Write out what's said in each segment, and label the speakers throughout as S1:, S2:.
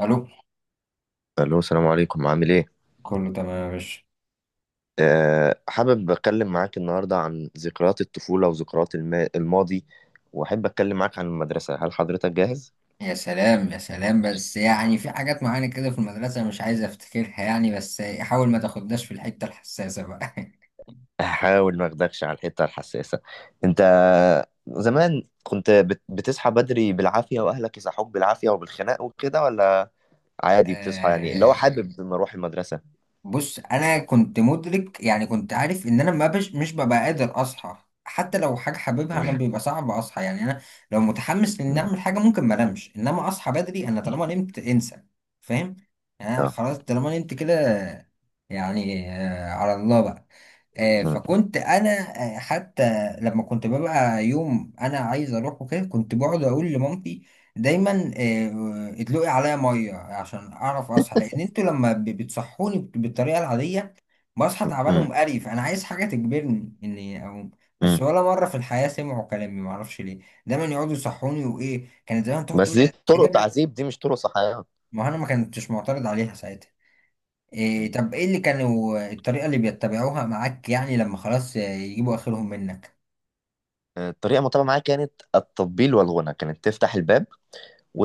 S1: الو.
S2: الو، السلام عليكم، عامل ايه؟
S1: كله تمام يا باشا.
S2: حابب اتكلم معاك النهارده عن ذكريات الطفوله وذكريات الماضي. واحب اتكلم معاك عن المدرسه. هل حضرتك جاهز؟
S1: يا سلام يا سلام. بس يعني في حاجات معينة كده في المدرسة مش عايز افتكرها، يعني بس حاول ما تاخدناش في الحتة الحساسة بقى.
S2: هحاول ما اخدكش على الحته الحساسه. انت زمان كنت بتصحى بدري بالعافيه، واهلك يصحوك بالعافيه وبالخناق وكده، ولا عادي بتصحى يعني اللي هو
S1: آه،
S2: حابب لما اروح المدرسه؟
S1: بص، انا كنت مدرك، يعني كنت عارف ان انا ما بش مش ببقى قادر اصحى. حتى لو حاجة حاببها انا
S2: مم.
S1: بيبقى صعب اصحى، يعني انا لو متحمس لاني
S2: مم.
S1: اعمل حاجة ممكن ما انامش، انما اصحى بدري. انا طالما نمت انسى، فاهم؟ يعني أنا
S2: آه.
S1: خلاص طالما نمت كده. يعني على الله بقى.
S2: مم.
S1: فكنت انا، حتى لما كنت ببقى يوم انا عايز اروح وكده كنت بقعد اقول لمامتي دايما، ادلقي عليا ميه عشان اعرف اصحى، لان انتوا لما بتصحوني بالطريقه العاديه بصحى تعبان
S2: مم.
S1: ومقرف. انا عايز حاجه تجبرني اني اقوم. بس
S2: مم.
S1: ولا مره في الحياه سمعوا كلامي، معرفش ليه، دايما يقعدوا يصحوني، وايه كانت دايما تقعد
S2: بس
S1: تقول
S2: دي
S1: لي
S2: طرق
S1: اجيب لك.
S2: تعذيب، دي مش طرق صحيه.
S1: ما انا ما كنتش معترض عليها ساعتها. إيه طب ايه اللي كانوا الطريقة اللي بيتبعوها معاك، يعني لما خلاص يجيبوا اخرهم منك؟
S2: الطريقة المتبعة معايا كانت التطبيل والغنى. كانت تفتح الباب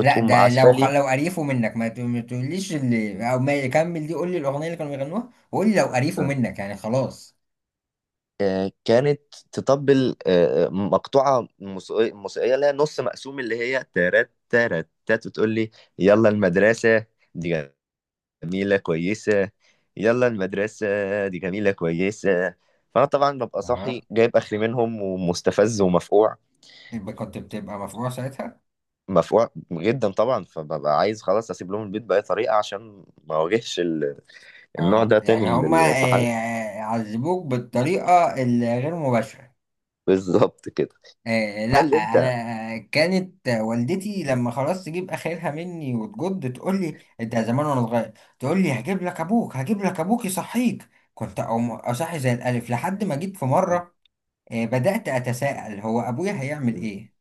S1: لا ده
S2: عسالي.
S1: لو قريفوا منك ما تقوليش اللي او ما يكمل، دي قول لي الاغنية اللي كانوا بيغنوها، وقول لي لو قريفوا
S2: آه،
S1: منك يعني خلاص.
S2: كانت تطبل، مقطوعة موسيقية اللي هي نص مقسوم، اللي هي تارات تارات تات، وتقول لي يلا المدرسة دي جميلة كويسة، يلا المدرسة دي جميلة كويسة. فأنا طبعا ببقى
S1: اه،
S2: صاحي جايب آخري منهم ومستفز ومفقوع.
S1: يبقى كنت بتبقى مفجوع ساعتها.
S2: مفقوع جدا طبعا. فببقى عايز خلاص اسيب لهم البيت باي طريقه عشان ما اواجهش النوع
S1: اه،
S2: ده تاني
S1: يعني هما
S2: من
S1: إيه،
S2: الصحاب.
S1: عذبوك بالطريقة الغير مباشرة.
S2: بالظبط كده.
S1: آه لا،
S2: هل انت؟
S1: انا كانت والدتي لما خلاص تجيب اخرها مني وتجد تقول لي، انت زمان وانا صغير تقول لي هجيب لك ابوك هجيب لك ابوك يصحيك، كنت اقوم اصحي زي الالف، لحد ما جيت في مره بدات اتساءل هو ابويا هيعمل ايه،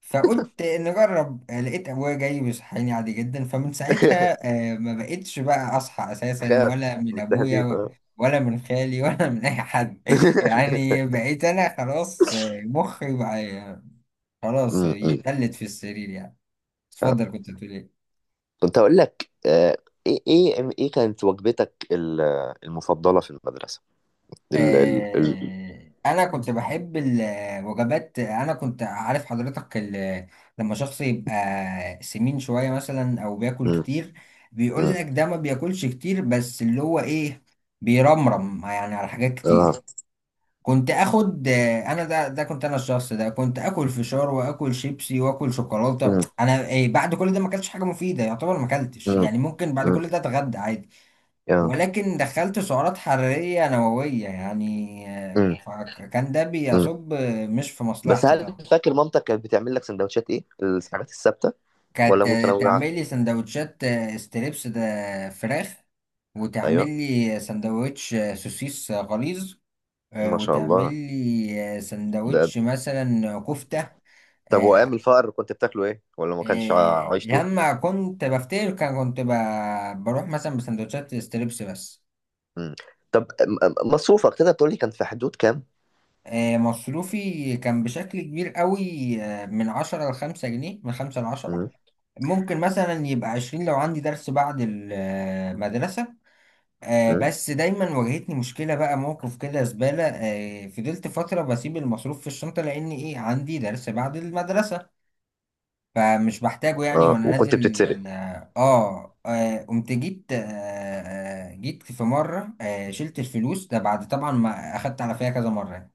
S1: فقلت نجرب. لقيت ابويا جاي بيصحيني عادي جدا. فمن ساعتها ما بقتش بقى اصحى اساسا،
S2: خاف
S1: ولا من
S2: من
S1: ابويا
S2: التهديد، اه.
S1: ولا من خالي ولا من اي حد. يعني بقيت انا خلاص، مخي بقى خلاص
S2: م- م.
S1: يتلت في السرير يعني.
S2: آه.
S1: اتفضل، كنت بتقول ايه؟
S2: كنت هقول لك، ايه كانت وجبتك المفضلة في المدرسة؟ ال ال ال
S1: انا كنت بحب الوجبات. انا كنت عارف حضرتك، لما شخص يبقى سمين شوية مثلا او بياكل
S2: م-
S1: كتير بيقول
S2: م.
S1: لك ده ما بياكلش كتير، بس اللي هو ايه، بيرمرم يعني على حاجات كتير.
S2: اه.
S1: كنت اخد انا ده كنت انا الشخص ده، كنت اكل فشار واكل شيبسي واكل شوكولاتة.
S2: م-
S1: انا إيه، بعد كل ده ما اكلتش حاجة مفيدة، يعتبر ما اكلتش
S2: م-
S1: يعني. ممكن بعد
S2: م.
S1: كل ده اتغدى عادي،
S2: آه.
S1: ولكن دخلت سعرات حرارية نووية يعني.
S2: م-
S1: كان ده
S2: م.
S1: بيصب مش في
S2: بس
S1: مصلحتي
S2: هل
S1: طبعا.
S2: فاكر مامتك كانت بتعمل لك سندوتشات ايه الحاجات الثابتة، ولا
S1: كانت
S2: متنوعة؟
S1: تعمل لي سندوتشات ستريبس، ده فراخ، وتعمل
S2: ايوه.
S1: لي سندوتش سوسيس غليظ،
S2: ما شاء
S1: وتعمل
S2: الله.
S1: لي
S2: ده
S1: سندوتش مثلا كفتة.
S2: طب وايام
S1: آه،
S2: الفقر كنت بتاكله ايه، ولا ما كانش عيش؟
S1: لما كنت بفتكر كنت بروح مثلا بسندوتشات ستريبس بس.
S2: مم. طب مصروفك تقدر تقول لي كان في حدود كام؟
S1: مصروفي كان بشكل كبير قوي، من 10 ل5 جنيه، من 5 ل10.
S2: مم.
S1: ممكن مثلا يبقى 20 لو عندي درس بعد المدرسة.
S2: مم.
S1: بس دايما واجهتني مشكلة بقى، موقف كده زبالة. فضلت فترة بسيب المصروف في الشنطة، لأن إيه، عندي درس بعد المدرسة فمش بحتاجه يعني.
S2: اه،
S1: وأنا
S2: وكنت
S1: نازل
S2: بتتسرق؟
S1: قمت جيت آه، آه، جيت في مرة شلت الفلوس. ده بعد طبعا ما أخدت على فيها كذا مرة،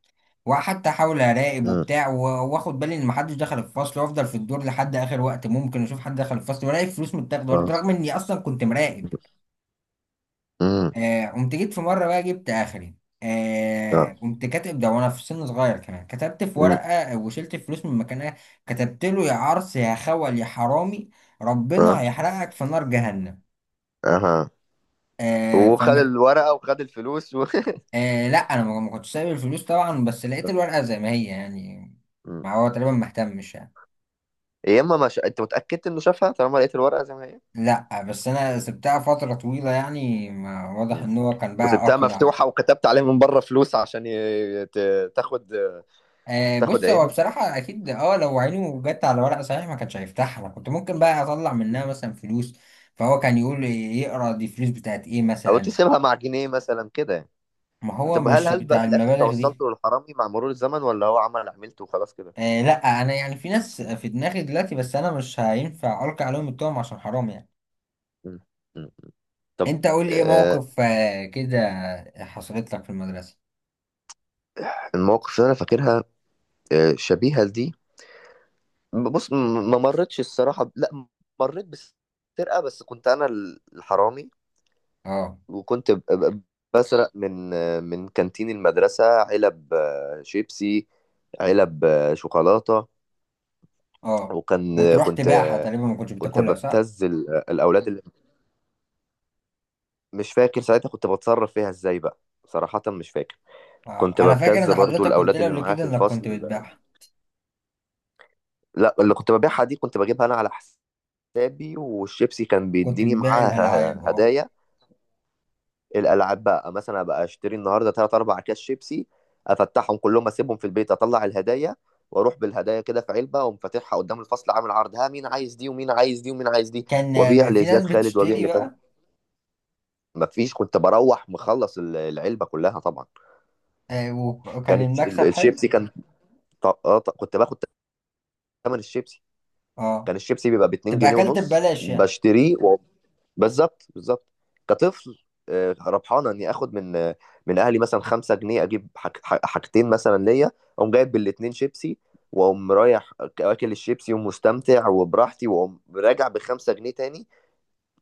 S1: وحتى احاول اراقب
S2: مم.
S1: وبتاع واخد بالي ان محدش دخل الفصل، وافضل في الدور لحد اخر وقت ممكن اشوف حد دخل الفصل، والاقي فلوس متاخده
S2: اه.
S1: برضه، رغم اني اصلا كنت مراقب.
S2: مم.
S1: قمت جيت في مره بقى جبت اخري.
S2: اه.
S1: قمت كاتب، ده وانا في سن صغير كمان، كتبت في
S2: مم.
S1: ورقه وشلت فلوس من مكانها. كتبت له يا عرس يا خول يا حرامي،
S2: اه.
S1: ربنا هيحرقك في نار جهنم.
S2: اها.
S1: آه
S2: وخد
S1: فم...
S2: الورقة وخد الفلوس و...
S1: آه لا، انا ما كنتش سايب الفلوس طبعا، بس لقيت الورقه زي ما هي يعني.
S2: مم.
S1: ما هو تقريبا مهتمش يعني.
S2: يا اما ما ش... انت متأكد انه شافها طالما لقيت الورقة زي ما هي؟
S1: لا، بس انا سبتها فترة طويلة، يعني ما واضح
S2: مم.
S1: ان هو كان بقى
S2: وسبتها
S1: اقلع.
S2: مفتوحة وكتبت عليها من بره فلوس عشان تاخد. تاخد
S1: بص، هو
S2: عينه.
S1: بصراحة اكيد، اه، لو عينه جت على ورق صحيح ما كانش هيفتحها. انا كنت ممكن بقى اطلع منها مثلا فلوس، فهو كان يقول يقرا دي فلوس بتاعت ايه
S2: او
S1: مثلا.
S2: تسيبها مع جنيه مثلا كده يعني.
S1: ما هو
S2: طب هل
S1: مش
S2: هل بقى
S1: بتاع
S2: في الاخر
S1: المبالغ دي.
S2: توصلتوا للحرامي مع مرور الزمن، ولا هو عمل عملته وخلاص كده؟
S1: آه لا، انا يعني في ناس في دماغي دلوقتي، بس انا مش هينفع القي عليهم التهم عشان حرام يعني.
S2: مم. طب.
S1: انت قول لي ايه
S2: آه،
S1: موقف كده حصلت لك في المدرسة.
S2: المواقف اللي انا فاكرها شبيهه لدي. بص، ما مرتش الصراحه، لا، مريت بسرقه بس كنت انا الحرامي.
S1: اه،
S2: وكنت بسرق من من كانتين المدرسه علب شيبسي، علب شوكولاته.
S1: اه،
S2: وكان
S1: وتروح تبيعها. تقريبا ما كنتش
S2: كنت
S1: بتاكلها، صح؟
S2: ببتز الاولاد اللي... مش فاكر ساعتها كنت بتصرف فيها ازاي بقى، صراحه مش فاكر. كنت
S1: انا فاكر
S2: ببتز
S1: ان
S2: برضو
S1: حضرتك قلت
S2: الاولاد
S1: لي
S2: اللي
S1: قبل
S2: معايا
S1: كده
S2: في
S1: انك كنت
S2: الفصل.
S1: بتبيعها.
S2: لا، اللي كنت ببيعها دي كنت بجيبها انا على حسابي. والشيبسي كان
S1: كنت
S2: بيديني
S1: بتبيع الالعاب،
S2: معاها
S1: اه.
S2: هدايا. الالعاب بقى مثلا ابقى اشتري النهارده 3 4 كاس شيبسي، افتحهم كلهم، اسيبهم في البيت، اطلع الهدايا. واروح بالهدايا كده في علبه، اقوم فاتحها قدام الفصل عامل عرض، ها مين عايز دي، ومين عايز دي، ومين عايز دي.
S1: كان
S2: وابيع
S1: في ناس
S2: لزياد خالد، وابيع
S1: بتشتري
S2: لكذا.
S1: بقى.
S2: مفيش، كنت بروح مخلص العلبه كلها طبعا.
S1: وكان
S2: كانت
S1: المكسب حلو.
S2: الشيبسي كان كنت باخد ثمن الشيبسي.
S1: اه،
S2: كان الشيبسي بيبقى ب 2
S1: تبقى
S2: جنيه
S1: اكلت
S2: ونص
S1: ببلاش يعني.
S2: بشتريه. بالظبط بالظبط. كطفل، ربحانه اني اخد من من اهلي مثلا 5 جنيه، اجيب حاجتين مثلا ليا. اقوم جايب بالاتنين شيبسي، واقوم رايح اكل الشيبسي ومستمتع وبراحتي، واقوم راجع ب 5 جنيه تاني.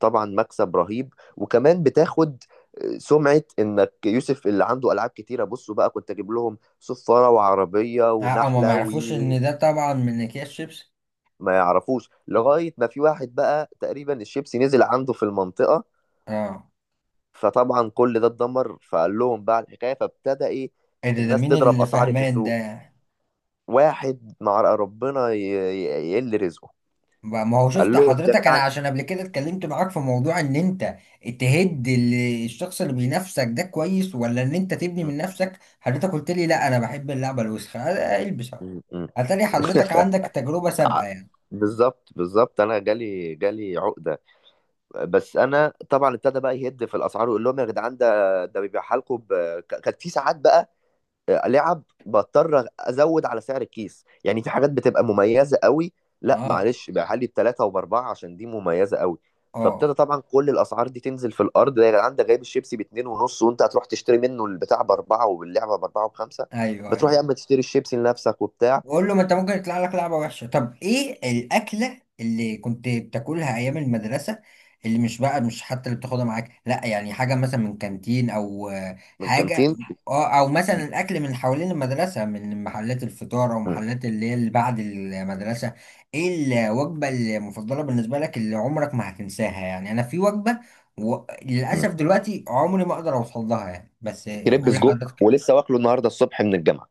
S2: طبعا مكسب رهيب. وكمان بتاخد سمعة انك يوسف اللي عنده العاب كتيرة. بصوا بقى، كنت اجيب لهم صفارة وعربية
S1: اه، هما ما
S2: ونحلة وي
S1: يعرفوش
S2: وي.
S1: ان ده طبعا من اكياس شيبس.
S2: ما يعرفوش لغاية ما في واحد بقى تقريبا الشيبسي نزل عنده في المنطقة.
S1: اه،
S2: فطبعا كل ده اتدمر، فقال لهم بقى الحكايه. فابتدى ايه،
S1: إيه ده، ده
S2: الناس
S1: مين
S2: تضرب
S1: اللي
S2: اسعاري في
S1: فاهمان
S2: السوق.
S1: ده؟
S2: واحد مع ربنا يقل رزقه.
S1: ما هو شفت،
S2: قال لهم ده
S1: حضرتك انا
S2: بقى.
S1: عشان قبل كده اتكلمت معاك في موضوع ان انت تهد الشخص اللي بينافسك ده كويس، ولا ان انت تبني
S2: م-
S1: من نفسك، حضرتك قلت لي لا انا بحب اللعبة الوسخة، البس اهو.
S2: م- م.
S1: اتاري حضرتك عندك تجربة سابقة
S2: ع-
S1: يعني.
S2: بالظبط بالظبط. انا جالي عقده. بس انا طبعا ابتدى بقى يهد في الاسعار ويقول لهم يا جدعان ده بيبيعها لكم ب... كانت في ساعات بقى لعب بضطر ازود على سعر الكيس، يعني في حاجات بتبقى مميزه قوي. لا
S1: اه،
S2: معلش، بقى لي بثلاثه وباربعه عشان دي مميزه قوي.
S1: اه،
S2: فابتدى طبعا كل الاسعار دي تنزل في الارض. ده يا جدعان ده جايب الشيبسي باتنين ونص، وانت هتروح تشتري منه البتاع باربعه، واللعبه باربعه وبخمسه.
S1: ايوه،
S2: بتروح
S1: ايوه.
S2: يا اما تشتري الشيبسي لنفسك وبتاع.
S1: بقول له، ما انت ممكن يطلع لك لعبه وحشه. طب ايه الاكله اللي كنت بتاكلها ايام المدرسه، اللي مش بقى مش حتى اللي بتاخدها معاك، لا يعني حاجه مثلا من كانتين، او
S2: من
S1: حاجه،
S2: كانتين.
S1: اه، او مثلا الاكل من حوالين المدرسه، من محلات الفطار او
S2: م-
S1: محلات اللي هي اللي بعد المدرسه. ايه الوجبه المفضله بالنسبه لك اللي عمرك ما هتنساها؟ يعني انا في وجبه
S2: م-
S1: للاسف دلوقتي عمري ما اقدر اوصل لها يعني، بس
S2: كريب
S1: قول
S2: سجق،
S1: لحضرتك.
S2: ولسه واكله النهارده الصبح من الجامعه.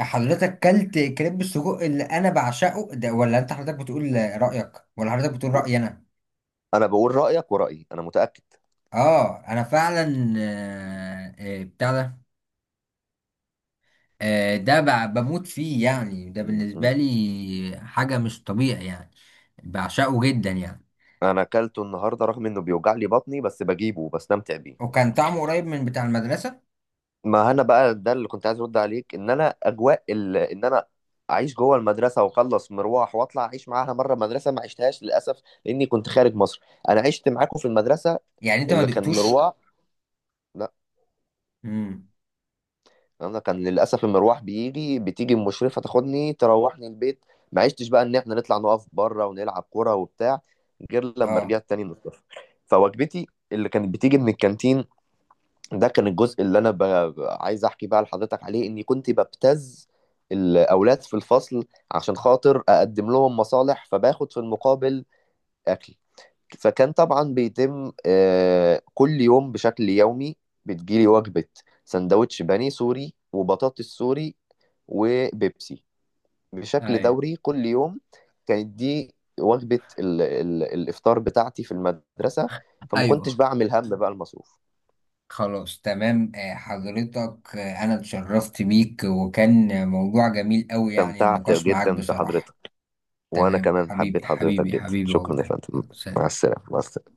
S1: حضرتك كلت كريب السجق اللي انا بعشقه ده؟ ولا انت حضرتك بتقول رأيك، ولا حضرتك بتقول رأيي انا؟
S2: انا بقول رايك، ورايي انا متاكد.
S1: اه، انا فعلا بتاع ده، ده بموت فيه يعني. ده
S2: م- م.
S1: بالنسبة لي حاجة مش طبيعي يعني، بعشقه جدا يعني.
S2: انا اكلته النهارده رغم انه بيوجع لي بطني، بس بجيبه وبستمتع بيه.
S1: وكان طعمه قريب من بتاع المدرسة.
S2: ما انا بقى ده اللي كنت عايز ارد عليك، ان انا اجواء ان انا اعيش جوه المدرسه واخلص مروح واطلع اعيش معاها، مره مدرسه ما عشتهاش للاسف لاني كنت خارج مصر. انا عشت معاكم في المدرسه
S1: يعني انت ما
S2: اللي كان
S1: دقتوش.
S2: مروح. لا،
S1: امم.
S2: انا كان للاسف المروح بيجي، بتيجي المشرفه تاخدني تروحني البيت. ما عشتش بقى ان احنا نطلع نقف بره ونلعب كوره وبتاع، غير لما
S1: اه،
S2: رجعت تاني من الصفر. فوجبتي اللي كانت بتيجي من الكانتين، ده كان الجزء اللي انا عايز احكي بقى لحضرتك عليه، اني كنت ببتز الاولاد في الفصل عشان خاطر اقدم لهم مصالح، فباخد في المقابل اكل. فكان طبعا بيتم كل يوم بشكل يومي، بتجيلي وجبة سندوتش بني سوري وبطاطس سوري وبيبسي بشكل
S1: ايوه،
S2: دوري كل يوم. كانت دي وجبة ال ال الإفطار بتاعتي في المدرسة، فما كنتش
S1: ايوه.
S2: بعمل هم بقى المصروف.
S1: خلاص، تمام. حضرتك، انا اتشرفت بيك وكان موضوع جميل قوي، يعني
S2: استمتعت
S1: النقاش معاك
S2: جدا بحضرتك.
S1: بصراحة.
S2: وانا
S1: تمام،
S2: كمان حبيت
S1: حبيبي
S2: حضرتك
S1: حبيبي
S2: جدا،
S1: حبيبي
S2: شكرا يا
S1: والله،
S2: فندم.
S1: يلا
S2: مع
S1: سلام.
S2: السلامه مع السلامه.